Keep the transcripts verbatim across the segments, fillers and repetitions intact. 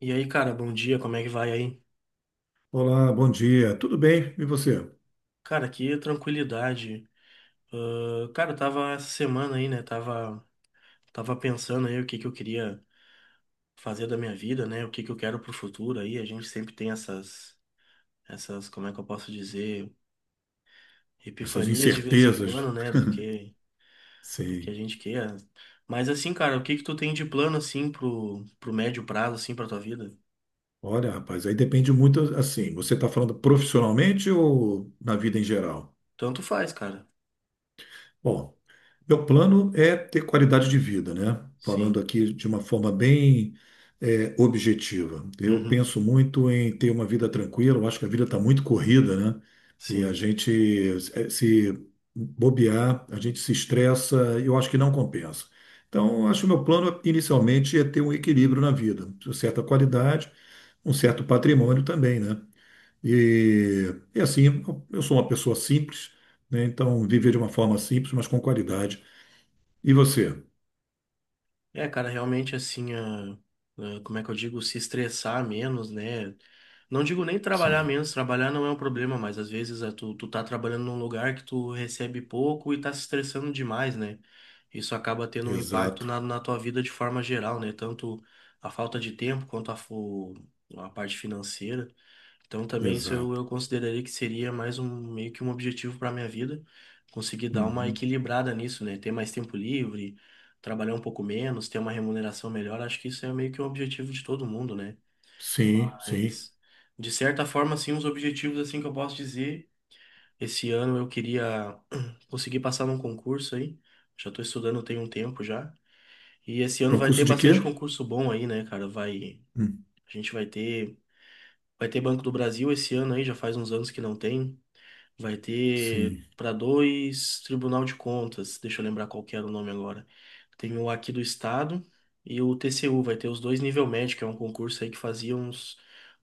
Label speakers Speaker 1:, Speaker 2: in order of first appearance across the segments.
Speaker 1: E aí, cara, bom dia, como é que vai aí?
Speaker 2: Olá, bom dia. Tudo bem? E você?
Speaker 1: Cara, que tranquilidade. Ah, cara, eu tava essa semana aí, né? Tava, tava pensando aí o que que eu queria fazer da minha vida, né? O que que eu quero pro futuro aí. A gente sempre tem essas, essas, como é que eu posso dizer,
Speaker 2: Essas
Speaker 1: epifanias de vez em
Speaker 2: incertezas,
Speaker 1: quando, né? Do que, do que a
Speaker 2: sei.
Speaker 1: gente quer. Mas assim, cara, o que que tu tem de plano assim pro, pro médio prazo, assim, pra tua vida?
Speaker 2: Olha, rapaz, aí depende muito assim. Você está falando profissionalmente ou na vida em geral?
Speaker 1: Tanto faz, cara.
Speaker 2: Bom, meu plano é ter qualidade de vida, né? Falando
Speaker 1: Sim.
Speaker 2: aqui de uma forma bem, é, objetiva. Eu
Speaker 1: Uhum.
Speaker 2: penso muito em ter uma vida tranquila, eu acho que a vida está muito corrida, né? E a
Speaker 1: Sim.
Speaker 2: gente eh, se bobear, a gente se estressa, eu acho que não compensa. Então, eu acho que meu plano inicialmente é ter um equilíbrio na vida, uma certa qualidade, um certo patrimônio também, né? E, e assim, eu sou uma pessoa simples, né? Então, viver de uma forma simples, mas com qualidade e você?
Speaker 1: É, cara, realmente assim, a, a- como é que eu digo, se estressar menos, né? Não digo nem trabalhar
Speaker 2: Sim,
Speaker 1: menos, trabalhar não é um problema, mas às vezes a, tu, tu tá trabalhando num lugar que tu recebe pouco e tá se estressando demais, né? Isso acaba tendo um impacto
Speaker 2: exato,
Speaker 1: na, na tua vida de forma geral, né? Tanto a falta de tempo quanto a, fo- a parte financeira. Então também isso eu,
Speaker 2: exato.
Speaker 1: eu consideraria que seria mais um meio que um objetivo para minha vida, conseguir dar uma
Speaker 2: Uhum.
Speaker 1: equilibrada nisso, né? Ter mais tempo livre, trabalhar um pouco menos, ter uma remuneração melhor, acho que isso é meio que um objetivo de todo mundo, né?
Speaker 2: Sim, sim.
Speaker 1: Mas de certa forma, assim, os objetivos assim que eu posso dizer, esse ano eu queria conseguir passar num concurso aí. Já estou estudando tem um tempo já. E esse ano vai ter
Speaker 2: Concurso de
Speaker 1: bastante
Speaker 2: quê?
Speaker 1: concurso bom aí, né, cara? Vai,
Speaker 2: Hum.
Speaker 1: a gente vai ter, vai ter Banco do Brasil esse ano aí, já faz uns anos que não tem. Vai ter
Speaker 2: Sim,
Speaker 1: para dois Tribunal de Contas, deixa eu lembrar qual que era o nome agora. Tem o aqui do Estado e o T C U, vai ter os dois nível médio, que é um concurso aí que fazia uns,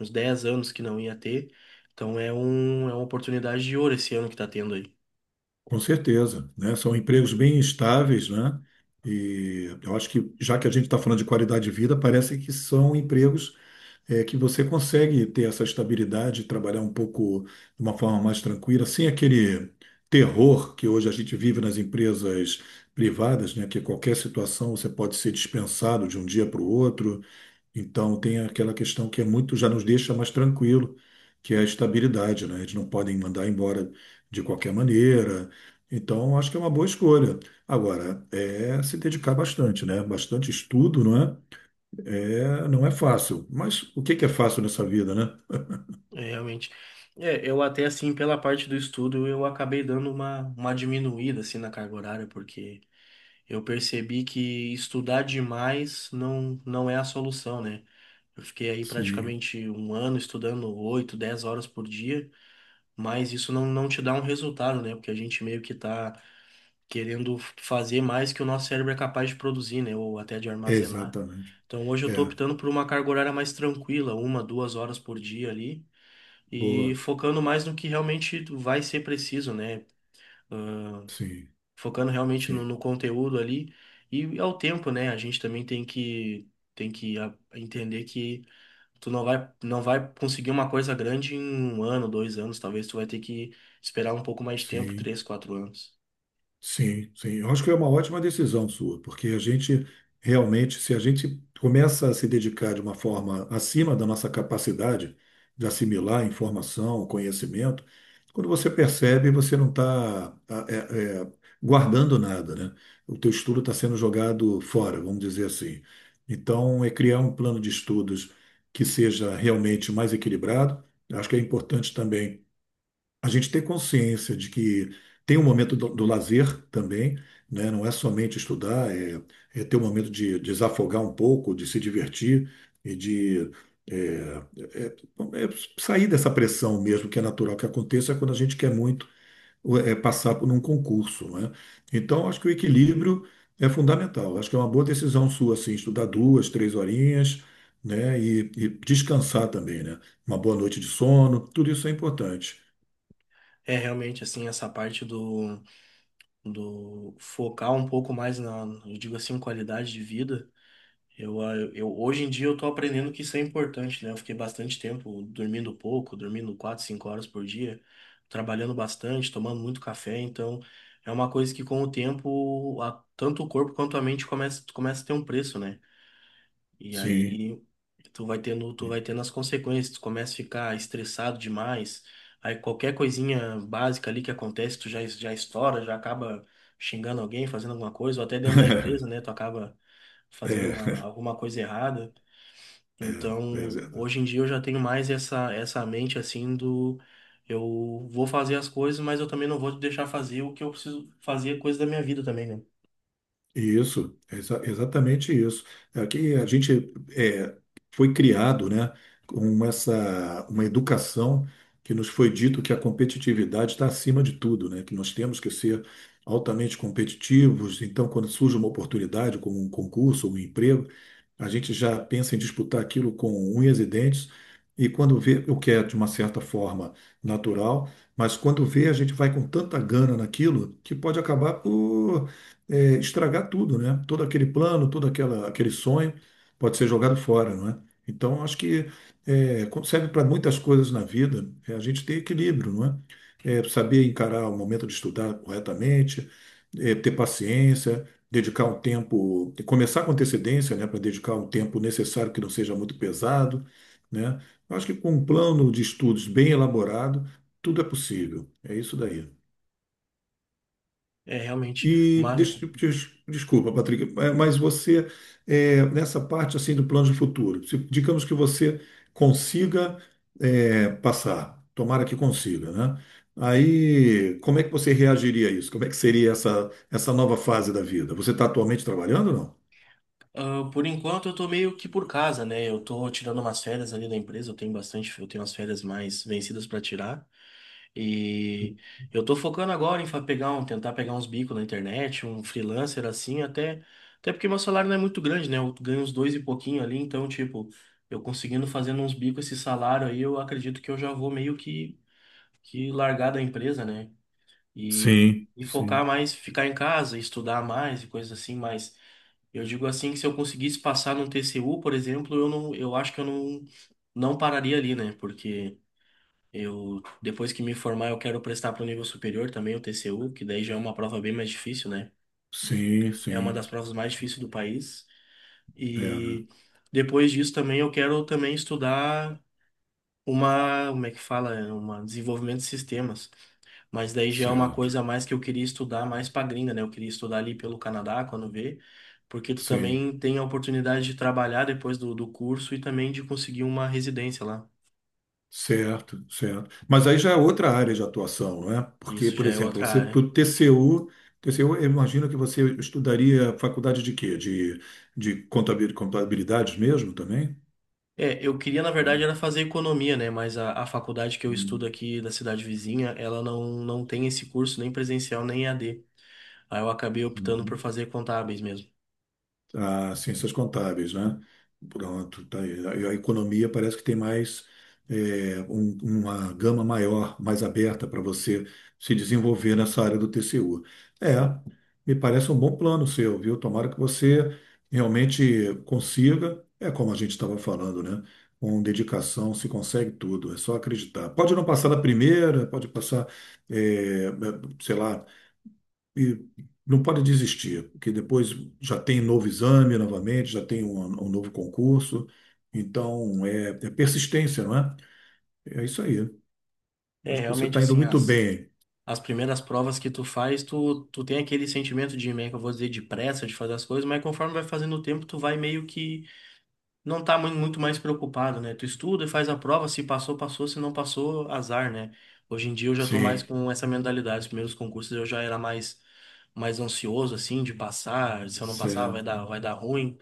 Speaker 1: uns dez anos que não ia ter. Então é, um, é uma oportunidade de ouro esse ano que tá tendo aí.
Speaker 2: com certeza, né? São empregos bem estáveis, né? E eu acho que, já que a gente está falando de qualidade de vida, parece que são empregos é, que você consegue ter essa estabilidade, trabalhar um pouco de uma forma mais tranquila, sem aquele terror que hoje a gente vive nas empresas privadas, né? Que qualquer situação você pode ser dispensado de um dia para o outro. Então tem aquela questão que é muito, já nos deixa mais tranquilo, que é a estabilidade, né? Eles não podem mandar embora de qualquer maneira. Então, acho que é uma boa escolha. Agora, é se dedicar bastante, né? Bastante estudo, não é? É, não é fácil. Mas o que que é fácil nessa vida, né?
Speaker 1: É, realmente. É, eu até assim, pela parte do estudo, eu acabei dando uma, uma diminuída assim na carga horária, porque eu percebi que estudar demais não, não é a solução, né? Eu fiquei aí
Speaker 2: Sim,
Speaker 1: praticamente um ano estudando oito dez horas por dia, mas isso não, não te dá um resultado, né? Porque a gente meio que tá querendo fazer mais que o nosso cérebro é capaz de produzir, né? Ou até de armazenar.
Speaker 2: exatamente.
Speaker 1: Então hoje eu tô
Speaker 2: É,
Speaker 1: optando por uma carga horária mais tranquila, uma, duas horas por dia ali, e
Speaker 2: boa.
Speaker 1: focando mais no que realmente vai ser preciso, né?
Speaker 2: Sim,
Speaker 1: Focando realmente no,
Speaker 2: sim,
Speaker 1: no conteúdo ali e ao tempo, né? A gente também tem que, tem que ah, entender que tu não vai, não vai conseguir uma coisa grande em um ano, dois anos, talvez tu vai ter que esperar um pouco mais de tempo,
Speaker 2: sim.
Speaker 1: três, quatro anos.
Speaker 2: Sim, sim. Eu acho que é uma ótima decisão sua, porque a gente realmente, se a gente começa a se dedicar de uma forma acima da nossa capacidade de assimilar informação, conhecimento, quando você percebe, você não está guardando nada, né? O teu estudo está sendo jogado fora, vamos dizer assim. Então, é criar um plano de estudos que seja realmente mais equilibrado. Acho que é importante também a gente ter consciência de que tem um momento do, do lazer também, né? Não é somente estudar, é, é ter um momento de desafogar um pouco, de se divertir e de é, é- é é sair dessa pressão mesmo, que é natural que aconteça quando a gente quer muito é, passar por um concurso, né? Então, acho que o equilíbrio é fundamental. Acho que é uma boa decisão sua, assim, estudar duas, três horinhas, né? E, e descansar também, né? Uma boa noite de sono, tudo isso é importante.
Speaker 1: É realmente assim, essa parte do, do focar um pouco mais na, eu digo assim, qualidade de vida. Eu, ah, eu, hoje em dia eu tô aprendendo que isso é importante, né? Eu fiquei bastante tempo dormindo pouco, dormindo quatro, cinco horas por dia, trabalhando bastante, tomando muito café, então é uma coisa que com o tempo, a- tanto o corpo quanto a mente começa, começa a ter um preço, né? E
Speaker 2: Sim.
Speaker 1: aí tu vai tendo, tu vai tendo as consequências, tu começa a ficar estressado demais, aí qualquer coisinha básica ali que acontece, tu já, já estoura, já acaba xingando alguém, fazendo alguma coisa, ou até dentro da empresa, né, tu acaba
Speaker 2: É,
Speaker 1: fazendo uma,
Speaker 2: é,
Speaker 1: alguma coisa errada.
Speaker 2: é,
Speaker 1: Então,
Speaker 2: é.
Speaker 1: hoje em dia eu já tenho mais essa, essa mente assim do eu vou fazer as coisas, mas eu também não vou te deixar fazer o que eu preciso fazer, coisa da minha vida também, né?
Speaker 2: Isso, exa- exatamente isso. Aqui a gente é, foi criado, né, com essa uma educação que nos foi dito que a competitividade está acima de tudo, né, que nós temos que ser altamente competitivos. Então, quando surge uma oportunidade, como um concurso, um emprego, a gente já pensa em disputar aquilo com unhas e dentes. E quando vê, o que é de uma certa forma natural, mas quando vê, a gente vai com tanta gana naquilo que pode acabar por é, estragar tudo, né? Todo aquele plano, todo aquela, aquele sonho pode ser jogado fora, não é? Então, acho que é, co- serve para muitas coisas na vida, é a gente ter equilíbrio, não é? É, saber encarar o momento de estudar corretamente, é, ter paciência, dedicar um tempo, começar com antecedência, né, para dedicar um tempo necessário que não seja muito pesado, né? Eu acho que com um plano de estudos bem elaborado, tudo é possível. É isso daí.
Speaker 1: É, realmente.
Speaker 2: E
Speaker 1: Mas,
Speaker 2: deixa, eu te- te- desculpa, Patrick, eh, mas você, eh, nessa parte assim do plano de futuro, se- digamos que você consiga eh, passar, tomara que consiga, né? Aí, como é que você reagiria a isso? Como é que seria essa, essa nova fase da vida? Você está atualmente trabalhando ou não?
Speaker 1: Ah, por enquanto eu tô meio que por casa, né? Eu tô tirando umas férias ali da empresa, eu tenho bastante, eu tenho umas férias mais vencidas pra tirar. E eu tô focando agora em fa- pegar um, tentar pegar uns bicos na internet, um freelancer assim, até, até porque meu salário não é muito grande, né? Eu ganho uns dois e pouquinho ali, então, tipo, eu conseguindo fazendo uns bicos esse salário aí, eu acredito que eu já vou meio que, que largar da empresa, né? E,
Speaker 2: Sim,
Speaker 1: e focar
Speaker 2: sim.
Speaker 1: mais, ficar em casa, estudar mais e coisas assim, mas eu digo assim que se eu conseguisse passar num T C U, por exemplo, eu não, eu acho que eu não, não pararia ali, né? Porque eu, depois que me formar, eu quero prestar para o nível superior também, o T C U, que daí já é uma prova bem mais difícil, né?
Speaker 2: Sim,
Speaker 1: É uma
Speaker 2: sim,
Speaker 1: das provas mais difíceis do país.
Speaker 2: é, né?
Speaker 1: E depois disso também eu quero também estudar uma, como é que fala? É, uma desenvolvimento de sistemas. Mas daí já é uma
Speaker 2: Certo,
Speaker 1: coisa a mais que eu queria estudar mais pra gringa, né? Eu queria estudar ali pelo Canadá, quando vê, porque tu
Speaker 2: sim.
Speaker 1: também tem a oportunidade de trabalhar depois do, do curso e também de conseguir uma residência lá.
Speaker 2: Certo, certo. Mas aí já é outra área de atuação, não é? Porque,
Speaker 1: Isso
Speaker 2: por
Speaker 1: já é
Speaker 2: exemplo,
Speaker 1: outra
Speaker 2: você para
Speaker 1: área.
Speaker 2: o T C U, T C U, eu imagino que você estudaria faculdade de quê? De, de contabil- contabilidade mesmo também?
Speaker 1: É, eu queria, na verdade,
Speaker 2: Diria.
Speaker 1: era fazer economia, né? Mas a, a faculdade que eu estudo
Speaker 2: Hum,
Speaker 1: aqui da cidade vizinha, ela não, não tem esse curso nem presencial nem E A D. Aí eu acabei optando por
Speaker 2: uhum.
Speaker 1: fazer contábeis mesmo.
Speaker 2: A ciências contábeis, né? Pronto, tá aí. A a economia parece que tem mais é, um- uma gama maior, mais aberta para você se desenvolver nessa área do T C U. É,
Speaker 1: Sim.
Speaker 2: me parece um bom plano seu, viu? Tomara que você realmente consiga, é como a gente estava falando, né? Com dedicação se consegue tudo, é só acreditar. Pode não passar na primeira, pode passar, é, é, sei lá, e não pode desistir, porque depois já tem novo exame novamente, já tem um, um novo concurso. Então, é, é persistência, não é? É isso aí.
Speaker 1: É,
Speaker 2: Acho que você
Speaker 1: realmente
Speaker 2: está indo
Speaker 1: assim,
Speaker 2: muito
Speaker 1: as
Speaker 2: bem.
Speaker 1: as primeiras provas que tu faz, tu, tu tem aquele sentimento de, meio que eu vou dizer, de pressa de fazer as coisas, mas conforme vai fazendo o tempo, tu vai meio que não tá mui- muito mais preocupado, né? Tu estuda e faz a prova, se passou, passou, se não passou, azar, né? Hoje em dia eu já tô mais
Speaker 2: Sim,
Speaker 1: com essa mentalidade. Os primeiros concursos eu já era mais, mais ansioso, assim, de passar. Se eu não passar, vai
Speaker 2: certo.
Speaker 1: dar, vai dar ruim.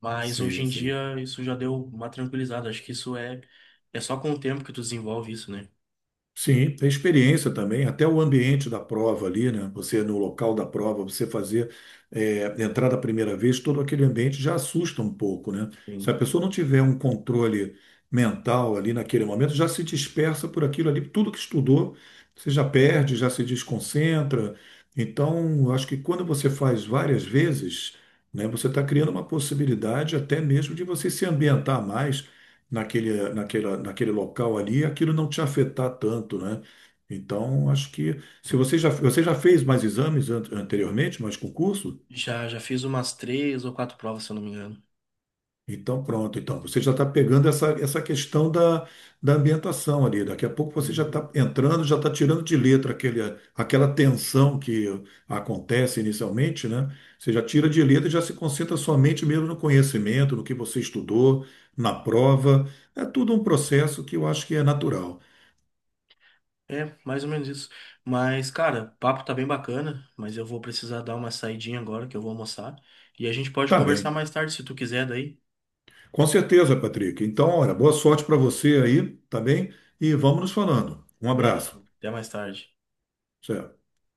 Speaker 1: Mas hoje
Speaker 2: Sim,
Speaker 1: em
Speaker 2: sim.
Speaker 1: dia isso já deu uma tranquilizada. Acho que isso é, é só com o tempo que tu desenvolve isso, né?
Speaker 2: Sim, tem experiência também, até o ambiente da prova ali, né? Você no local da prova, você fazer é, entrar da primeira vez, todo aquele ambiente já assusta um pouco, né? Se a pessoa não tiver um controle mental ali naquele momento, já se dispersa por aquilo ali, tudo que estudou, você já perde, já se desconcentra. Então, acho que quando você faz várias vezes, né, você está criando uma possibilidade até mesmo de você se ambientar mais naquele, naquela, naquele local ali, aquilo não te afetar tanto, né? Então, acho que se você já, você já fez mais exames an- anteriormente, mais concurso,
Speaker 1: Já, já fiz umas três ou quatro provas, se eu não me engano.
Speaker 2: então pronto, então você já está pegando essa, essa questão da, da ambientação ali. Daqui a pouco você já
Speaker 1: Uhum.
Speaker 2: está entrando, já está tirando de letra aquele, aquela tensão que acontece inicialmente, né? Você já tira de letra e já se concentra somente mesmo no conhecimento, no que você estudou, na prova. É tudo um processo que eu acho que é natural.
Speaker 1: É, mais ou menos isso. Mas, cara, o papo tá bem bacana, mas eu vou precisar dar uma saidinha agora, que eu vou almoçar. E a gente pode
Speaker 2: Tá
Speaker 1: conversar
Speaker 2: bem.
Speaker 1: mais tarde, se tu quiser daí.
Speaker 2: Com certeza, Patrick. Então, olha, boa sorte para você aí, tá bem? E vamos nos falando. Um abraço.
Speaker 1: Beleza. Até mais tarde.
Speaker 2: Certo.